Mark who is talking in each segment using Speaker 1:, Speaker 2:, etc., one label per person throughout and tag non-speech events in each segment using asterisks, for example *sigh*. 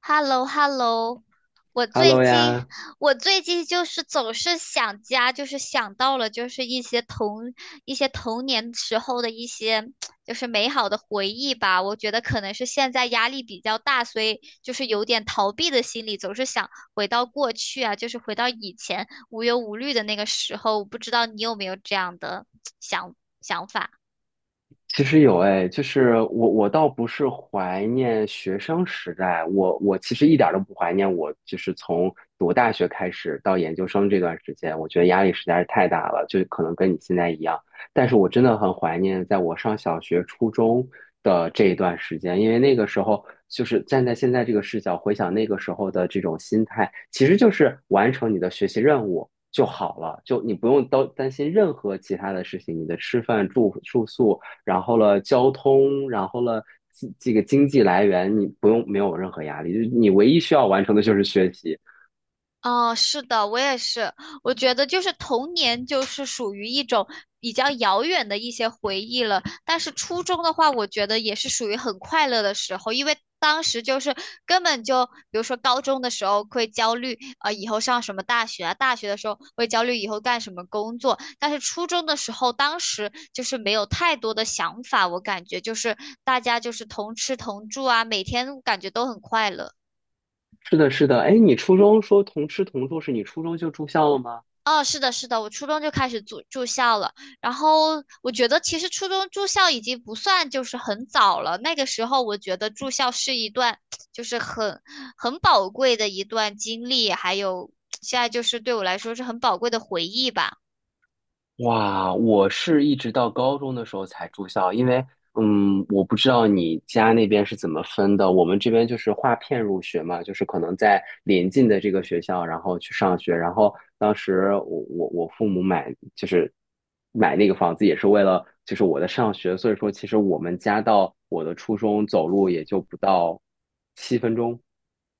Speaker 1: h e l l o h e l l o。 我最
Speaker 2: Hello
Speaker 1: 近
Speaker 2: 呀，
Speaker 1: 我最近就是总是想家，就是想到了就是一些童年时候的一些就是美好的回忆吧。我觉得可能是现在压力比较大，所以就是有点逃避的心理，总是想回到过去啊，就是回到以前无忧无虑的那个时候。我不知道你有没有这样的 *tsk* 想想法。
Speaker 2: 其实有哎，就是我倒不是怀念学生时代，我其实一点儿都不怀念我，就是从读大学开始到研究生这段时间，我觉得压力实在是太大了，就可能跟你现在一样。但是我真的很怀念在我上小学、初中的这一段时间，因为那个时候就是站在现在这个视角回想那个时候的这种心态，其实就是完成你的学习任务。就好了，就你不用担心任何其他的事情，你的吃饭、住宿，然后了交通，然后了这个经济来源，你不用没有任何压力，就是你唯一需要完成的就是学习。
Speaker 1: 哦，是的，我也是。我觉得就是童年，就是属于一种比较遥远的一些回忆了。但是初中的话，我觉得也是属于很快乐的时候，因为当时就是根本就，比如说高中的时候会焦虑，以后上什么大学啊，大学的时候会焦虑以后干什么工作。但是初中的时候，当时就是没有太多的想法，我感觉就是大家就是同吃同住啊，每天感觉都很快乐。
Speaker 2: 是的，是的，哎，你初中说同吃同住，是你初中就住校了吗？
Speaker 1: 哦，是的，是的，我初中就开始住校了。然后我觉得，其实初中住校已经不算就是很早了。那个时候，我觉得住校是一段就是很宝贵的一段经历，还有现在就是对我来说是很宝贵的回忆吧。
Speaker 2: 哇，我是一直到高中的时候才住校，因为我不知道你家那边是怎么分的，我们这边就是划片入学嘛，就是可能在临近的这个学校，然后去上学，然后当时我父母买就是买那个房子也是为了就是我的上学，所以说其实我们家到我的初中走路也就不到7分钟。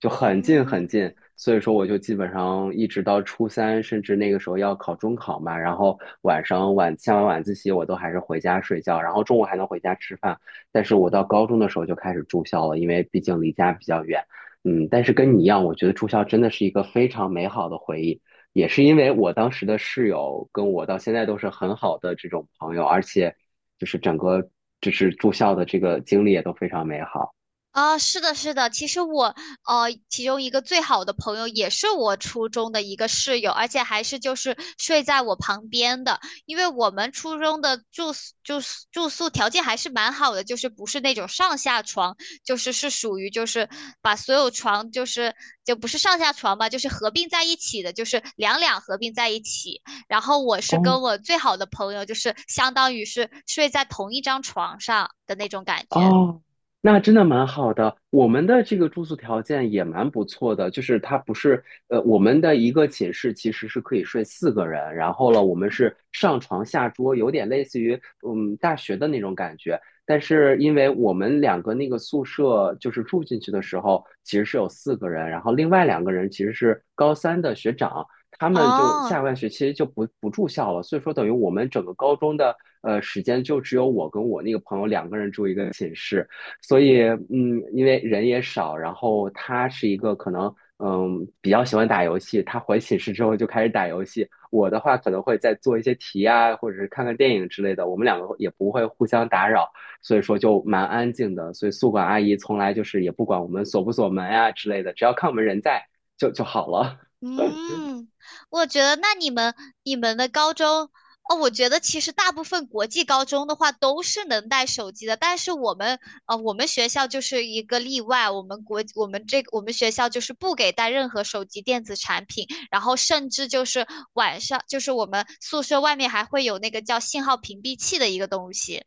Speaker 2: 就很近
Speaker 1: 嗯。
Speaker 2: 很近，所以说我就基本上一直到初三，甚至那个时候要考中考嘛，然后晚上晚下完晚自习，我都还是回家睡觉，然后中午还能回家吃饭。但是我到高中的时候就开始住校了，因为毕竟离家比较远。嗯，但是跟你一样，我觉得住校真的是一个非常美好的回忆，也是因为我当时的室友跟我到现在都是很好的这种朋友，而且就是整个就是住校的这个经历也都非常美好。
Speaker 1: 啊，是的，是的。其实我，其中一个最好的朋友也是我初中的一个室友，而且还是就是睡在我旁边的。因为我们初中的住宿条件还是蛮好的，就是不是那种上下床，就是是属于就是把所有床就是就不是上下床吧，就是合并在一起的，就是两两合并在一起。然后我是
Speaker 2: 哦
Speaker 1: 跟我最好的朋友，就是相当于是睡在同一张床上的那种感觉。
Speaker 2: 哦，那真的蛮好的。我们的这个住宿条件也蛮不错的，就是它不是我们的一个寝室其实是可以睡四个人，然后了，我们是上床下桌，有点类似于嗯大学的那种感觉。但是因为我们两个那个宿舍就是住进去的时候，其实是有四个人，然后另外两个人其实是高三的学长，他们就
Speaker 1: 哦。
Speaker 2: 下半学期就不住校了，所以说等于我们整个高中的时间就只有我跟我那个朋友两个人住一个寝室，所以嗯，因为人也少，然后他是一个可能嗯比较喜欢打游戏，他回寝室之后就开始打游戏，我的话可能会再做一些题啊，或者是看看电影之类的，我们两个也不会互相打扰，所以说就蛮安静的，所以宿管阿姨从来就是也不管我们锁不锁门啊之类的，只要看我们人在就好了。
Speaker 1: 嗯，我觉得那你们你们的高中哦，我觉得其实大部分国际高中的话都是能带手机的，但是我们我们学校就是一个例外，我们国我们这我们学校就是不给带任何手机电子产品，然后甚至就是晚上就是我们宿舍外面还会有那个叫信号屏蔽器的一个东西。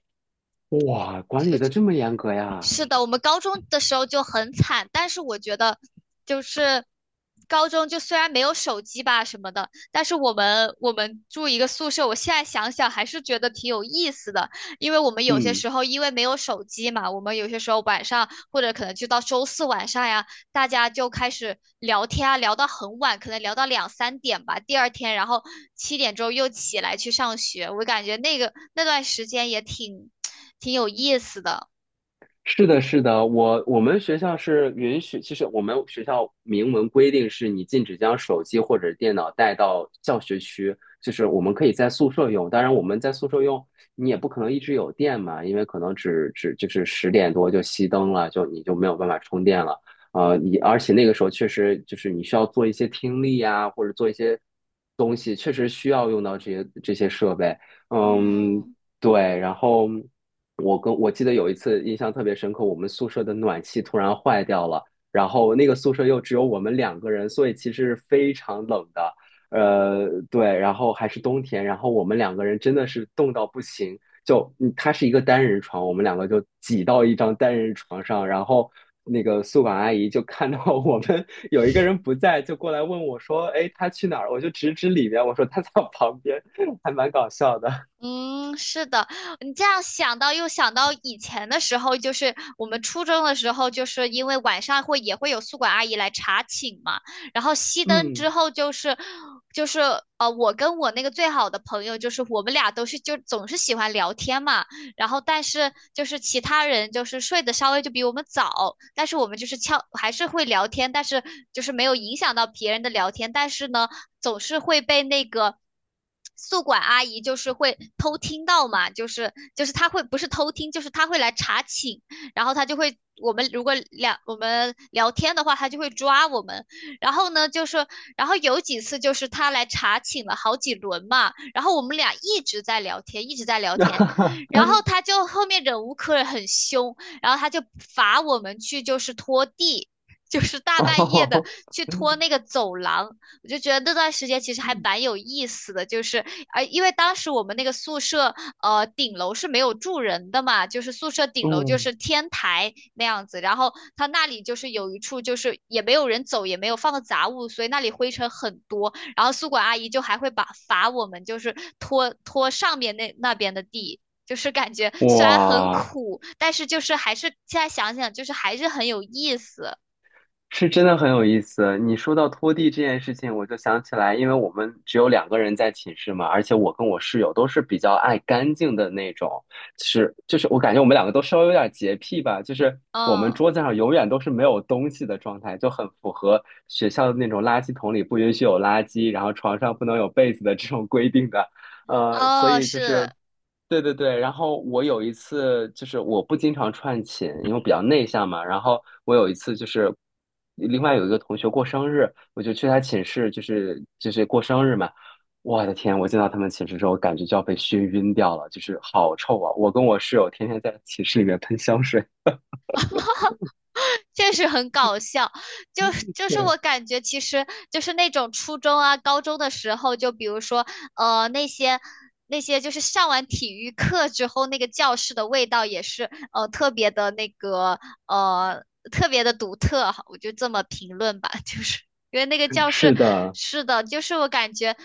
Speaker 2: 哇，管理的这么严格呀？
Speaker 1: 是的，我们高中的时候就很惨，但是我觉得就是高中就虽然没有手机吧什么的，但是我们住一个宿舍，我现在想想还是觉得挺有意思的，因为我们有些
Speaker 2: 嗯。
Speaker 1: 时候因为没有手机嘛，我们有些时候晚上或者可能就到周四晚上呀，大家就开始聊天啊，聊到很晚，可能聊到两三点吧，第二天然后七点钟又起来去上学，我感觉那个那段时间也挺 *tsk* 挺有意思的。
Speaker 2: 是的，是的，我们学校是允许，其实我们学校明文规定是你禁止将手机或者电脑带到教学区，就是我们可以在宿舍用，当然我们在宿舍用，你也不可能一直有电嘛，因为可能只就是10点多就熄灯了，就你就没有办法充电了，你而且那个时候确实就是你需要做一些听力呀，或者做一些东西，确实需要用到这些设备，嗯，
Speaker 1: 嗯
Speaker 2: 对，然后。我记得有一次印象特别深刻，我们宿舍的暖气突然坏掉了，然后那个宿舍又只有我们两个人，所以其实是非常冷的。对，然后还是冬天，然后我们两个人真的是冻到不行，就嗯它是一个单人床，我们两个就挤到一张单人床上，然后那个宿管阿姨就看到我们 *laughs* 有一个人不在，就过来问我说：“哎，他去哪儿？”我就指指里面，我说他在我旁边，还蛮搞笑的。
Speaker 1: 嗯，是的，你这样想到又想到以前的时候，就是我们初中的时候，就是因为晚上会也会有宿管阿姨来查寝嘛，然后熄灯
Speaker 2: 嗯，
Speaker 1: 之后就是我跟我那个最好的朋友，就是我们俩都是就总是喜欢聊天嘛，然后但是就是其他人就是睡得稍微就比我们早，但是我们就是悄还是会聊天，但是就是没有影响到别人的聊天，但是呢，总是会被那个。宿管阿姨就是会偷听到嘛，就是她会不是偷听，就是她会来查寝，然后她就会我们如果两我们聊天的话，她就会抓我们。然后呢，就是然后有几次就是她来查寝了好几轮嘛，然后我们俩一直在聊天，一直在聊天，
Speaker 2: *laughs*
Speaker 1: 然后他就后面忍无可忍，很凶，然后他就罚我们去就是拖地，*laughs* 就是
Speaker 2: *laughs*
Speaker 1: 大半夜的
Speaker 2: 哦，
Speaker 1: 去拖那个走廊。我就觉得那段时间其实还蛮有意思的，因为当时我们那个宿舍顶楼是没有住人的嘛，就是宿舍顶楼就
Speaker 2: 嗯，
Speaker 1: 是天台那样子，然后他那里就是有一处就是也没有人走，也没有放的杂物，所以那里灰尘很多。然后宿管阿姨就还会把罚我们就是拖上面那边的地，就是感觉虽然很
Speaker 2: 哇，
Speaker 1: 苦，但是就是还是现在想想，就是还是很有意思。
Speaker 2: 是真的很有意思。你说到拖地这件事情，我就想起来，因为我们只有两个人在寝室嘛，而且我跟我室友都是比较爱干净的那种，就是我感觉我们两个都稍微有点洁癖吧，就是我们
Speaker 1: 嗯。
Speaker 2: 桌子上永远都是没有东西的状态，就很符合学校的那种垃圾桶里不允许有垃圾，然后床上不能有被子的这种规定的。所
Speaker 1: 哦，
Speaker 2: 以就
Speaker 1: 是。
Speaker 2: 是。对对对，然后我有一次就是我不经常串寝，因为我比较内向嘛。然后我有一次就是另外有一个同学过生日，我就去他寝室，就是过生日嘛。我的天，我进到他们寝室之后，感觉就要被熏晕掉了，就是好臭啊！我跟我室友天天在寝室里面喷香水。
Speaker 1: 确实很搞笑。就就是
Speaker 2: 对，
Speaker 1: 我感觉，其实就是那种初中啊、高中的时候，就比如说那些。那些就是上完体育课之后，那个教室的味道也是呃特别的独特，我就这么评论吧，*laughs* 就是因为那个
Speaker 2: *laughs*
Speaker 1: 教室
Speaker 2: 是的，
Speaker 1: 是的，就是我感觉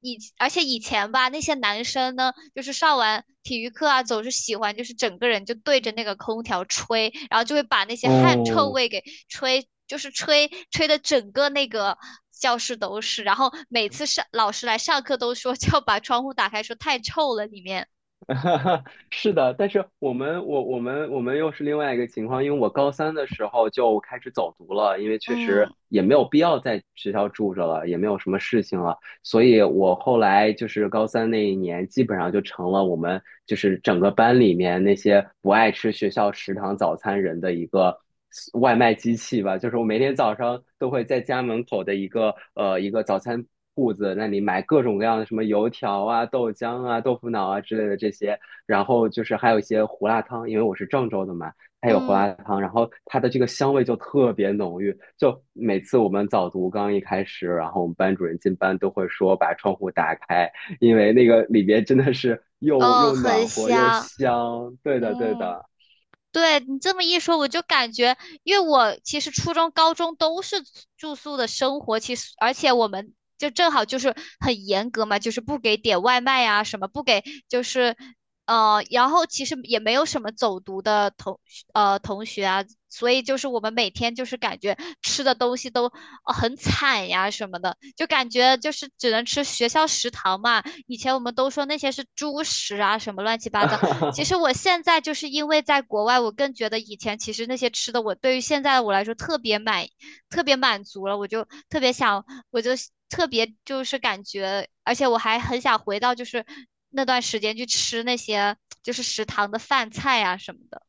Speaker 1: 以而且以前吧，那些男生呢。就是上完体育课啊，总是喜欢就是整个人就对着那个空调吹，然后就会把那些汗臭
Speaker 2: 哦，
Speaker 1: 味给吹，就是吹的整个那个教室都是。然后每次上老师来上课都说 *laughs* 就要把窗户打开，说太臭了里面。
Speaker 2: *laughs* 是的，但是我们又是另外一个情况，因为我高三的时候就开始走读了，因为确实
Speaker 1: 嗯
Speaker 2: 也没有必要在学校住着了，也没有什么事情了，所以我后来就是高三那一年，基本上就成了我们就是整个班里面那些不爱吃学校食堂早餐人的一个外卖机器吧。就是我每天早上都会在家门口的一个早餐铺子那里买各种各样的什么油条啊、豆浆啊、豆腐脑啊之类的这些，然后就是还有一些胡辣汤，因为我是郑州的嘛。它有胡
Speaker 1: 嗯，
Speaker 2: 辣汤，然后它的这个香味就特别浓郁。就每次我们早读刚一开始，然后我们班主任进班都会说把窗户打开，因为那个里边真的是又
Speaker 1: 哦，
Speaker 2: 又暖
Speaker 1: 很
Speaker 2: 和又
Speaker 1: 香。
Speaker 2: 香。对的，对
Speaker 1: 嗯。
Speaker 2: 的，
Speaker 1: 对你这么一说，我就感觉，因为我其实初中、高中都是住宿的生活，其实而且我们就正好就是很严格嘛，就是不给点外卖啊什么不给，就是然后其实也没有什么走读的同学啊，所以就是我们每天就是感觉吃的东西都、很惨呀什么的，就感觉就是只能吃学校食堂嘛。以前我们都说那些是猪食啊，什么乱七八糟。其实
Speaker 2: *laughs*
Speaker 1: 我现在就是因为在国外，我更觉得以前其实那些吃的，我对于现在的我来说特别满，特别满足了，我就特别想，我就特别就是感觉，而且我还很想回到就是那段时间去吃那些就是食堂的饭菜啊什么的。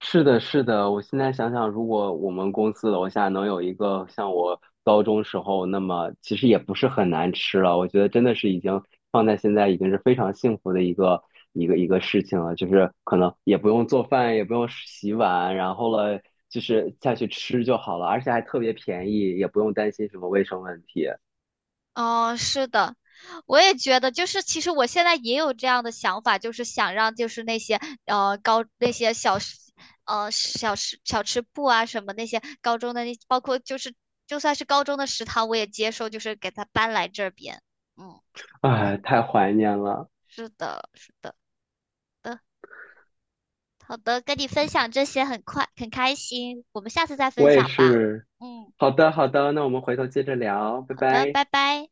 Speaker 2: 是的，是的，我现在想想，如果我们公司楼下能有一个像我高中时候，那么其实也不是很难吃了。我觉得真的是已经放在现在已经是非常幸福的一个事情了，就是可能也不用做饭，也不用洗碗，然后了就是下去吃就好了，而且还特别便宜，也不用担心什么卫生问题。
Speaker 1: 哦，是的，我也觉得，就是其实我现在也有这样的想法，就是想让就是那些呃高那些小吃呃小吃小吃部啊什么那些高中的那包括就是就算是高中的食堂我也接受，就是给他搬来这边。嗯。
Speaker 2: 哎，太怀念了，
Speaker 1: 是的，是的，的，好的，跟你分享这些很快很开心，我们下次再分
Speaker 2: 我也
Speaker 1: 享吧。
Speaker 2: 是。
Speaker 1: 嗯。
Speaker 2: 好的，好的，那我们回头接着聊，拜
Speaker 1: 好的，
Speaker 2: 拜。
Speaker 1: 拜拜。